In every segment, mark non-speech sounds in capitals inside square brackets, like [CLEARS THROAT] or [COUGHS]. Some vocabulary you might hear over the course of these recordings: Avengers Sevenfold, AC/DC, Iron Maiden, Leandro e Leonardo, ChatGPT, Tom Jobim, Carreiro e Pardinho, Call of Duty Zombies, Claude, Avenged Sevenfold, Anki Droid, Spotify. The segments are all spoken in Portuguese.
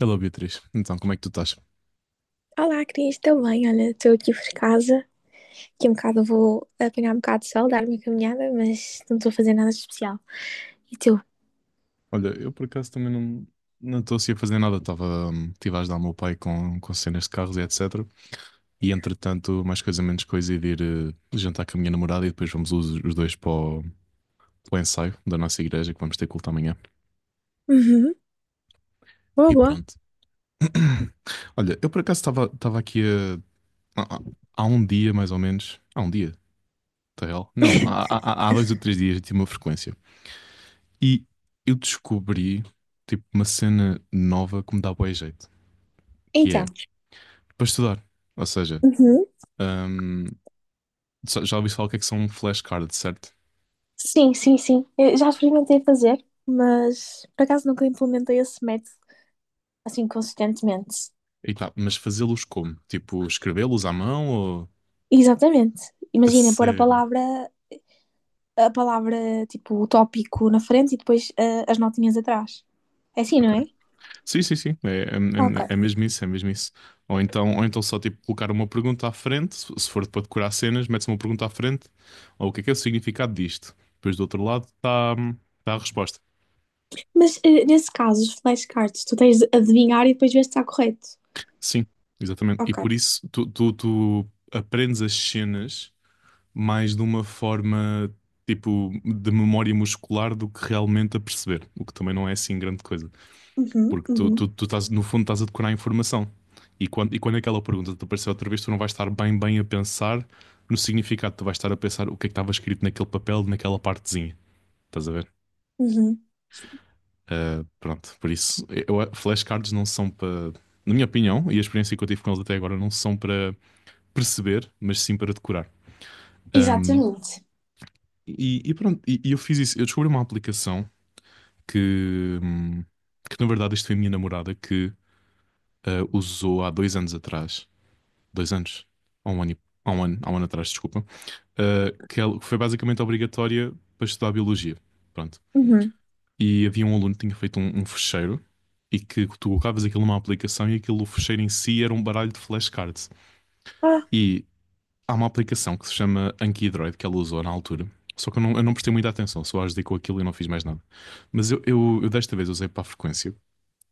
Hello Beatriz, então como é que tu estás? Olá, Cris, estou bem? Olha, estou aqui por casa. Daqui um bocado vou apanhar um bocado de sol, dar uma caminhada, mas não estou a fazer nada de especial. E tu? Olha, eu por acaso também não estou assim a fazer nada, estava estive a ajudar o meu pai com cenas de carros e etc. E entretanto, mais coisa menos coisa, ir de ir eh, jantar com a minha namorada e depois vamos os dois para o ensaio da nossa igreja que vamos ter culto amanhã. Uhum. Boa, E boa. pronto. [COUGHS] [CLEARS THROAT] Olha, eu por acaso estava aqui há, há- há um dia mais ou menos, há um dia, tá real? Não, há, [LAUGHS] há, há há 2 ou 3 dias eu tinha uma frequência. E eu descobri tipo uma cena nova que me dá bué jeito, que Então, é para estudar. Ou seja, uhum. hum, já ouvi falar o que é que são flashcards, certo? Sim, sim, sim. Eu já experimentei fazer, mas por acaso nunca implementei esse método assim consistentemente. E tá, mas fazê-los como? Tipo, escrevê-los à mão ou. Exatamente. A Imagina pôr a sério. palavra a palavra, tipo, o tópico na frente e depois as notinhas atrás. É assim, não Ok. é? Sim, sim, sim. É, é, Ok. é- é mesmo isso, é mesmo isso. Ou então, só tipo colocar uma pergunta à frente, se for para decorar cenas, metes uma pergunta à frente, ou o que é o significado disto? Depois do outro lado está tá a resposta. Mas nesse caso, os flashcards, tu tens de adivinhar e depois ver se está correto. Sim, exatamente. E Ok. por isso tu aprendes as cenas mais de uma forma tipo de memória muscular do que realmente a perceber, o que também não é assim grande coisa, Uhum, porque tu, tu, uhum, tu estás, no fundo, estás a decorar a informação. E quando aquela pergunta te aparecer outra vez, tu não vais estar bem, bem a pensar no significado, tu vais estar a pensar o que é que estava escrito naquele papel, naquela partezinha. Estás a ver? uhum. Ah, pronto, por isso, eu, flashcards não são para, na minha opinião, e a experiência que eu tive com eles até agora, não são para perceber, mas sim para decorar. Ahm, Exatamente. e pronto, e eu fiz isso. Eu descobri uma aplicação que, hum, que na verdade isto foi a minha namorada que usou há 2 anos atrás, 2 anos, há um ano, há um ano, há um ano atrás, desculpa, que foi basicamente obrigatória para estudar biologia. Pronto. Uhum. E havia um aluno que tinha feito um fecheiro e que tu colocavas aquilo numa aplicação e aquilo, o fecheiro em si era um baralho de flashcards. Ah, E há uma aplicação que se chama Anki Droid que ela usou na altura. Só que eu não prestei muita atenção, só ajudei com aquilo e não fiz mais nada. Mas eu desta vez usei para a frequência.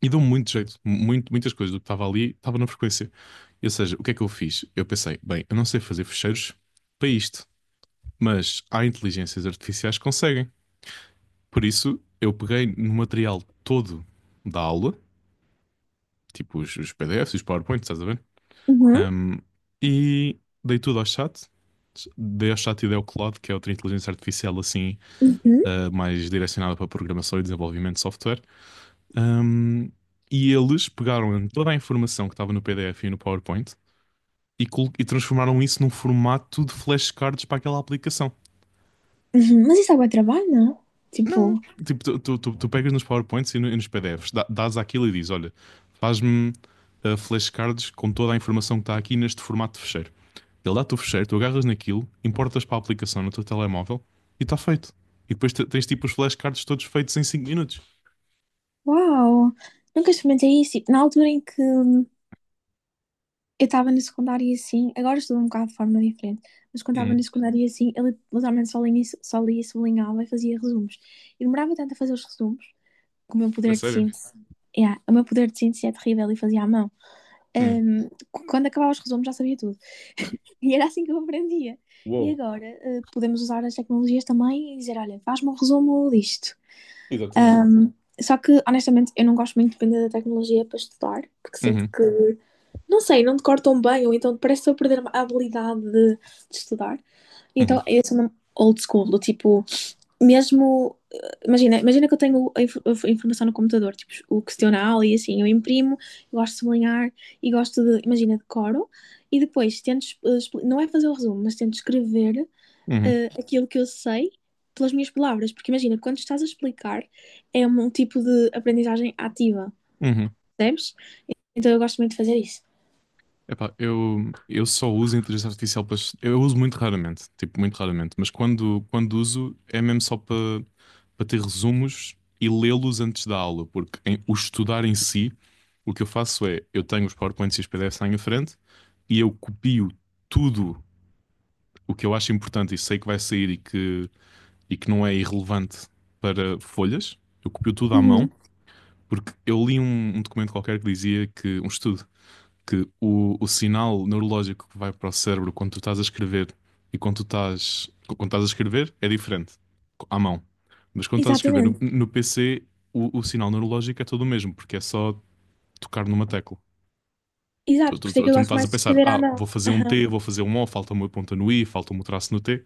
E deu muito jeito, muito, muitas coisas do que estava ali estava na frequência. Ou seja, o que é que eu fiz? Eu pensei, bem, eu não sei fazer fecheiros para isto, mas há inteligências artificiais que conseguem. Por isso, eu peguei no material todo da aula, tipo os PDFs, os PowerPoints, estás a ver? uhum, Um, e dei tudo ao chat. Dei ao chat e dei ao Claude, que é outra inteligência artificial assim, uhum, mais direcionada para programação e desenvolvimento de software. Ahm, e eles pegaram em toda a informação que estava no PDF e no PowerPoint e transformaram isso num formato de flashcards para aquela aplicação. uhum. Mas isso é bom trabalho, não? Não, Tipo, tipo, tu pegas nos PowerPoints e, no- e nos PDFs, dás aquilo e dizes: Olha, faz-me flashcards com toda a informação que está aqui neste formato de fecheiro. Ele dá-te o fecheiro, tu agarras naquilo, importas para a aplicação no teu telemóvel e está feito. E depois tens tipo os flashcards todos feitos em 5 minutos. uau, nunca experimentei isso. Tipo, na altura em que eu estava na secundária e assim, agora estudo um bocado de forma diferente, mas quando estava na Uhum. secundária e assim, ele literalmente só lia, sublinhava e fazia resumos. E demorava tanto a fazer os resumos, que o meu É poder de sério? síntese, yeah, o meu poder de síntese é terrível e fazia à mão. Uhum. Qu- quando acabava os resumos já sabia tudo. [LAUGHS] E era assim que eu aprendia. E Uou. agora, podemos usar as tecnologias também e dizer, olha, faz-me um resumo disto. Exatamente. Um, só que, honestamente, eu não gosto muito de depender da tecnologia para estudar, porque sinto Uhum. que, não sei, não decoro tão bem, ou então parece que estou a perder a habilidade de estudar. Uhum. Então, eu sou uma old school, do tipo, mesmo. Imagina, imagina que eu tenho a, inf- a informação no computador, tipo, o questionário e assim, eu imprimo, eu gosto de sublinhar e gosto de, imagina, decoro, e depois tento, es- expli- não é fazer o resumo, mas tento escrever Uhum. Aquilo que eu sei pelas minhas palavras. Porque imagina, quando estás a explicar, é um tipo de aprendizagem ativa, Uhum. percebes? Então eu gosto muito de fazer isso. Epá, eu só uso inteligência artificial para. Eu uso muito raramente, tipo, muito raramente, mas quando uso é mesmo só para ter resumos e lê-los antes da aula, porque o estudar em si, o que eu faço é eu tenho os PowerPoints e os PDFs lá em frente e eu copio tudo o que eu acho importante e sei que vai sair e que não é irrelevante para folhas, eu copio tudo à mão, Uhum, porque eu li um documento qualquer que dizia que, um estudo que o sinal neurológico que vai para o cérebro quando tu estás a escrever e quando quando estás a escrever é diferente, à mão. Mas quando estás a escrever no, exatamente. no PC, o sinal neurológico é todo o mesmo, porque é só tocar numa tecla. Tu, Exato, por tu- isso é tu- que tu eu não gosto estás a mais de pensar, escrever à mão. vou fazer um Aham, T, vou fazer um O, falta uma ponta no I, falta um traço no T.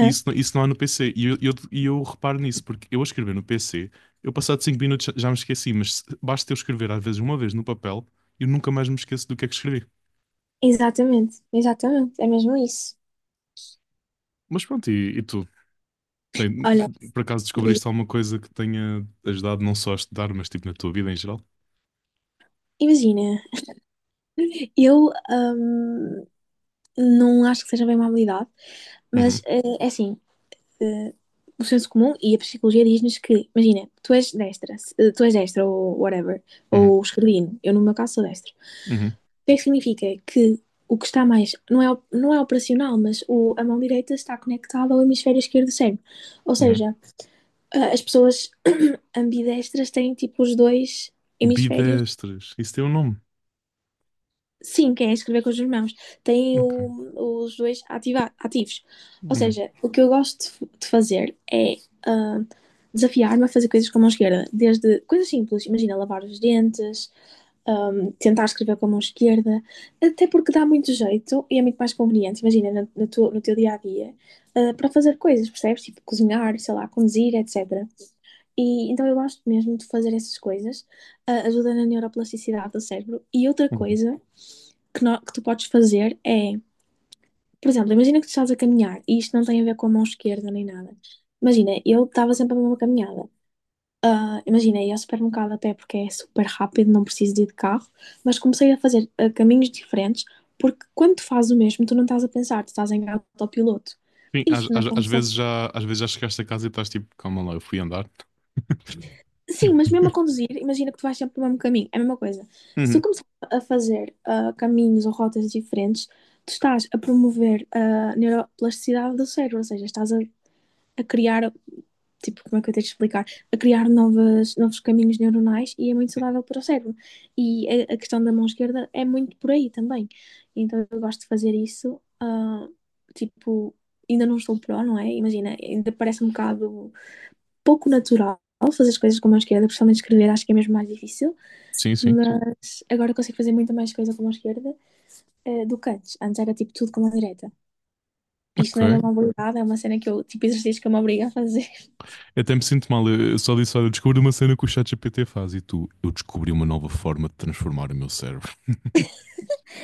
E isso, isso não há no PC. E eu reparo nisso, porque eu a escrever no PC, eu passado 5 minutos já me esqueci, mas basta eu escrever às vezes uma vez no papel, eu nunca mais me esqueço do que é que escrevi. Exatamente, exatamente. É mesmo isso. Mas pronto, e tu? Tem- Olha, por acaso e- descobriste alguma coisa que tenha ajudado não só a estudar, mas tipo na tua vida em geral? imagina, eu não acho que seja bem uma habilidade, mas Uhum, é assim, eh, o senso comum e a psicologia diz-nos que, imagina, tu és destra, tu és destra ou whatever, uhum, ou esquerdino, eu no meu caso sou destra. O uhum, que é que significa? Que o que está mais, não é, não é operacional, mas o, a mão direita está conectada ao hemisfério esquerdo do cérebro. Ou uhum. seja, as pessoas [CLEARS THROAT] ambidestras têm tipo os dois hemisférios. Bidestres, isso tem um nome. Sim, quem é escrever com as duas mãos. Tem Ok. o- os dois ativa- ativos. Ou Uhum, seja, o que eu gosto de f- de fazer é ah, desafiar-me a fazer coisas com a mão esquerda. Desde coisas simples, imagina lavar os dentes, tentar escrever com a mão esquerda, até porque dá muito jeito e é muito mais conveniente, imagina, na- na tua- no teu dia a dia, para fazer coisas, percebes? Tipo cozinhar, sei lá, conduzir, etc. E então eu gosto mesmo de fazer essas coisas, ajuda na neuroplasticidade do cérebro. E outra uhum. coisa que, no- que tu podes fazer é, por exemplo, imagina que tu estás a caminhar, e isto não tem a ver com a mão esquerda nem nada. Imagina, eu estava sempre a mesma caminhada. Imagina, ia ao supermercado a pé porque é super rápido, não preciso de ir de carro, mas comecei a fazer caminhos diferentes porque quando tu fazes o mesmo, tu não estás a pensar, tu estás em autopiloto. Sim, às, Isto na às, às condução. vezes já, às vezes já, chegaste a casa e estás tipo, calma lá, eu fui andar. [LAUGHS] Sim, mas mesmo a conduzir, imagina que tu vais sempre pelo mesmo caminho, é a mesma coisa. Se tu Uhum. começar a fazer caminhos ou rotas diferentes, tu estás a promover a neuroplasticidade do cérebro, ou seja, estás a criar, tipo, como é que eu tenho de explicar? A criar novas, novos caminhos neuronais e é muito saudável para o cérebro. E a questão da mão esquerda é muito por aí também. Então eu gosto de fazer isso, tipo, ainda não estou pró, não é? Imagina, ainda parece um bocado pouco natural fazer as coisas com a mão esquerda, principalmente escrever, acho que é mesmo mais difícil, Sim, sim. mas agora consigo fazer muito mais coisa com a mão esquerda do que antes. Antes era tipo tudo com a mão direita. Isto não é bem Ok. uma habilidade, é uma cena que eu, tipo, exercício que eu me obrigo a fazer. Eu até me sinto mal. Eu só disse, olha, eu descobri uma cena que o ChatGPT faz e tu, eu descobri uma nova forma de transformar o meu cérebro.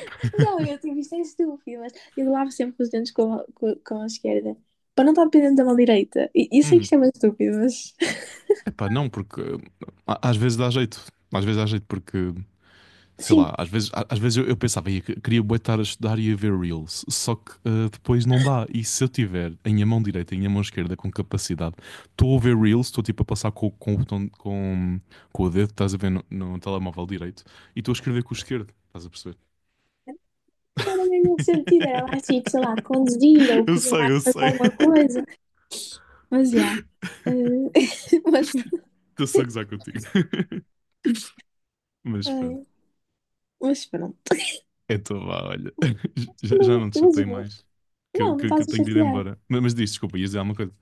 [LAUGHS] Não, eu tipo, isto é estúpido, mas eu lavo sempre os dentes com a esquerda, para não estar dependendo da mão direita. E eu sei que Uhum. isto é muito estúpido, mas [LAUGHS] Epá, não, porque às vezes dá jeito. Às vezes dá jeito porque, sei sim, lá, às vezes, às vezes eu pensava, ia, queria bué estar a estudar e a ver Reels, só que depois não dá. E se eu tiver em minha mão direita e em minha mão esquerda com capacidade, estou a ver Reels, estou tipo a passar com o botão, com o dedo, estás a ver no telemóvel direito, e estou a escrever com o esquerdo, estás a perceber? não era mesmo sentido, era mais tipo, sei lá, conduzir [LAUGHS] ou Eu sei, cozinhar eu fazer sei. alguma coisa, mas já. [LAUGHS] Eh, [LAUGHS] mas pronto. Estou só a [LAUGHS] gozar contigo. [LAUGHS] Mas pronto. Ai, mas pronto, Então vá, olha, [LAUGHS] já, que já não, não te chatei imagina, mais, que, não, eu- não que, que estás eu a tenho de ir chatear. embora. Mas diz, desculpa, ia dizer alguma coisa.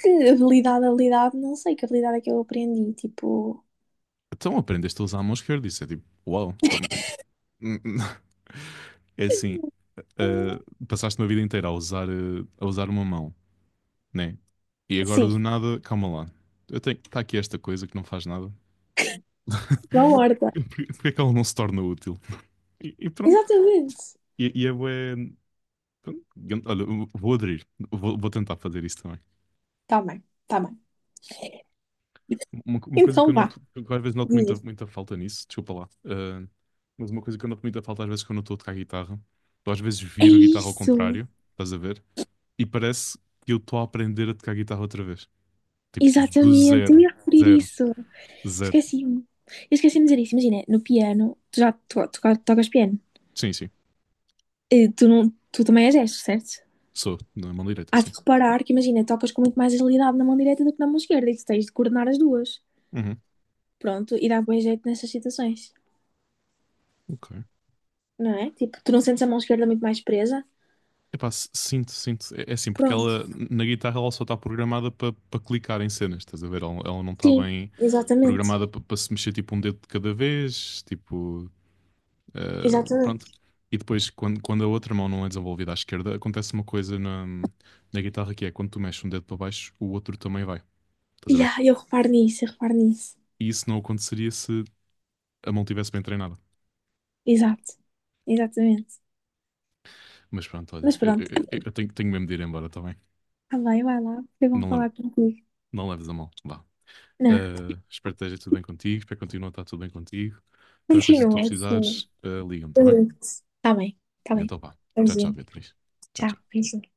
Que habilidade, habilidade, não sei que habilidade é que eu aprendi. Tipo, Então aprendeste a usar a mão esquerda, isso é tipo, uau, pá, hum. [LAUGHS] É assim, ah, passaste uma vida inteira a usar, uma mão, né? E agora sim, do nada, calma lá, está aqui esta coisa que não faz nada. da [LAUGHS] horta. Porquê que ela não se torna útil? E pronto, Exatamente. e é bué, pronto, olha, vou aderir, vou tentar fazer isso também. Tá bem, tá bem. [LAUGHS] Uma coisa que Então eu vá, noto, que eu às vezes noto muita, diz. muita falta nisso, desculpa lá, mas uma coisa que eu noto muita falta às vezes quando eu estou a tocar guitarra, eu às vezes É viro a guitarra ao isso, contrário, estás a ver? E parece que eu estou a aprender a tocar guitarra outra vez. Tipo, do exatamente. Eu zero, ia referir zero, isso. zero. Esqueci-me. Eu esqueci-me de dizer isso. Imagina, no piano, tu já to to- tocas piano. Sim, sim, Eh, tu, não, tu também és destro, certo? sou, na mão direita, Hás sim. de reparar que, imagina, tocas com muito mais agilidade na mão direita do que na mão esquerda e tu tens de coordenar as duas. Uhum, Pronto, e dá bom jeito nessas situações, ok. não é? Tipo, tu não sentes a mão esquerda muito mais presa? Epá, sinto, sinto. É assim, porque Pronto, ela, na guitarra, ela só está programada para clicar em cenas, estás a ver? Ela não está sim, bem exatamente, programada para se mexer tipo um dedo de cada vez, tipo. Pronto. exatamente. E depois, quando a outra mão não é desenvolvida à esquerda, acontece uma coisa na guitarra que é quando tu mexes um dedo para baixo, o outro também vai. Estás E a ver? Eu reparo nisso, eu reparo nisso. E isso não aconteceria se a mão tivesse bem treinada. Exato, exatamente. Mas pronto, olha, Mas eu, pronto, eu- eu tenho mesmo de ir embora, está bem? tá bem, vai lá, foi bom Não, falar contigo. não leves a mão, vá. Não, Espero que esteja tudo bem contigo, espero que continue a estar tudo bem contigo. Qualquer coisa que continua, tu continua. precisares, liga-me, está Eu bem? ligo-te. Tá bem, tá bem. Então vá. Tchau, tchau, Beijinho, Beatriz. Tchau, tchau, tchau. beijinho.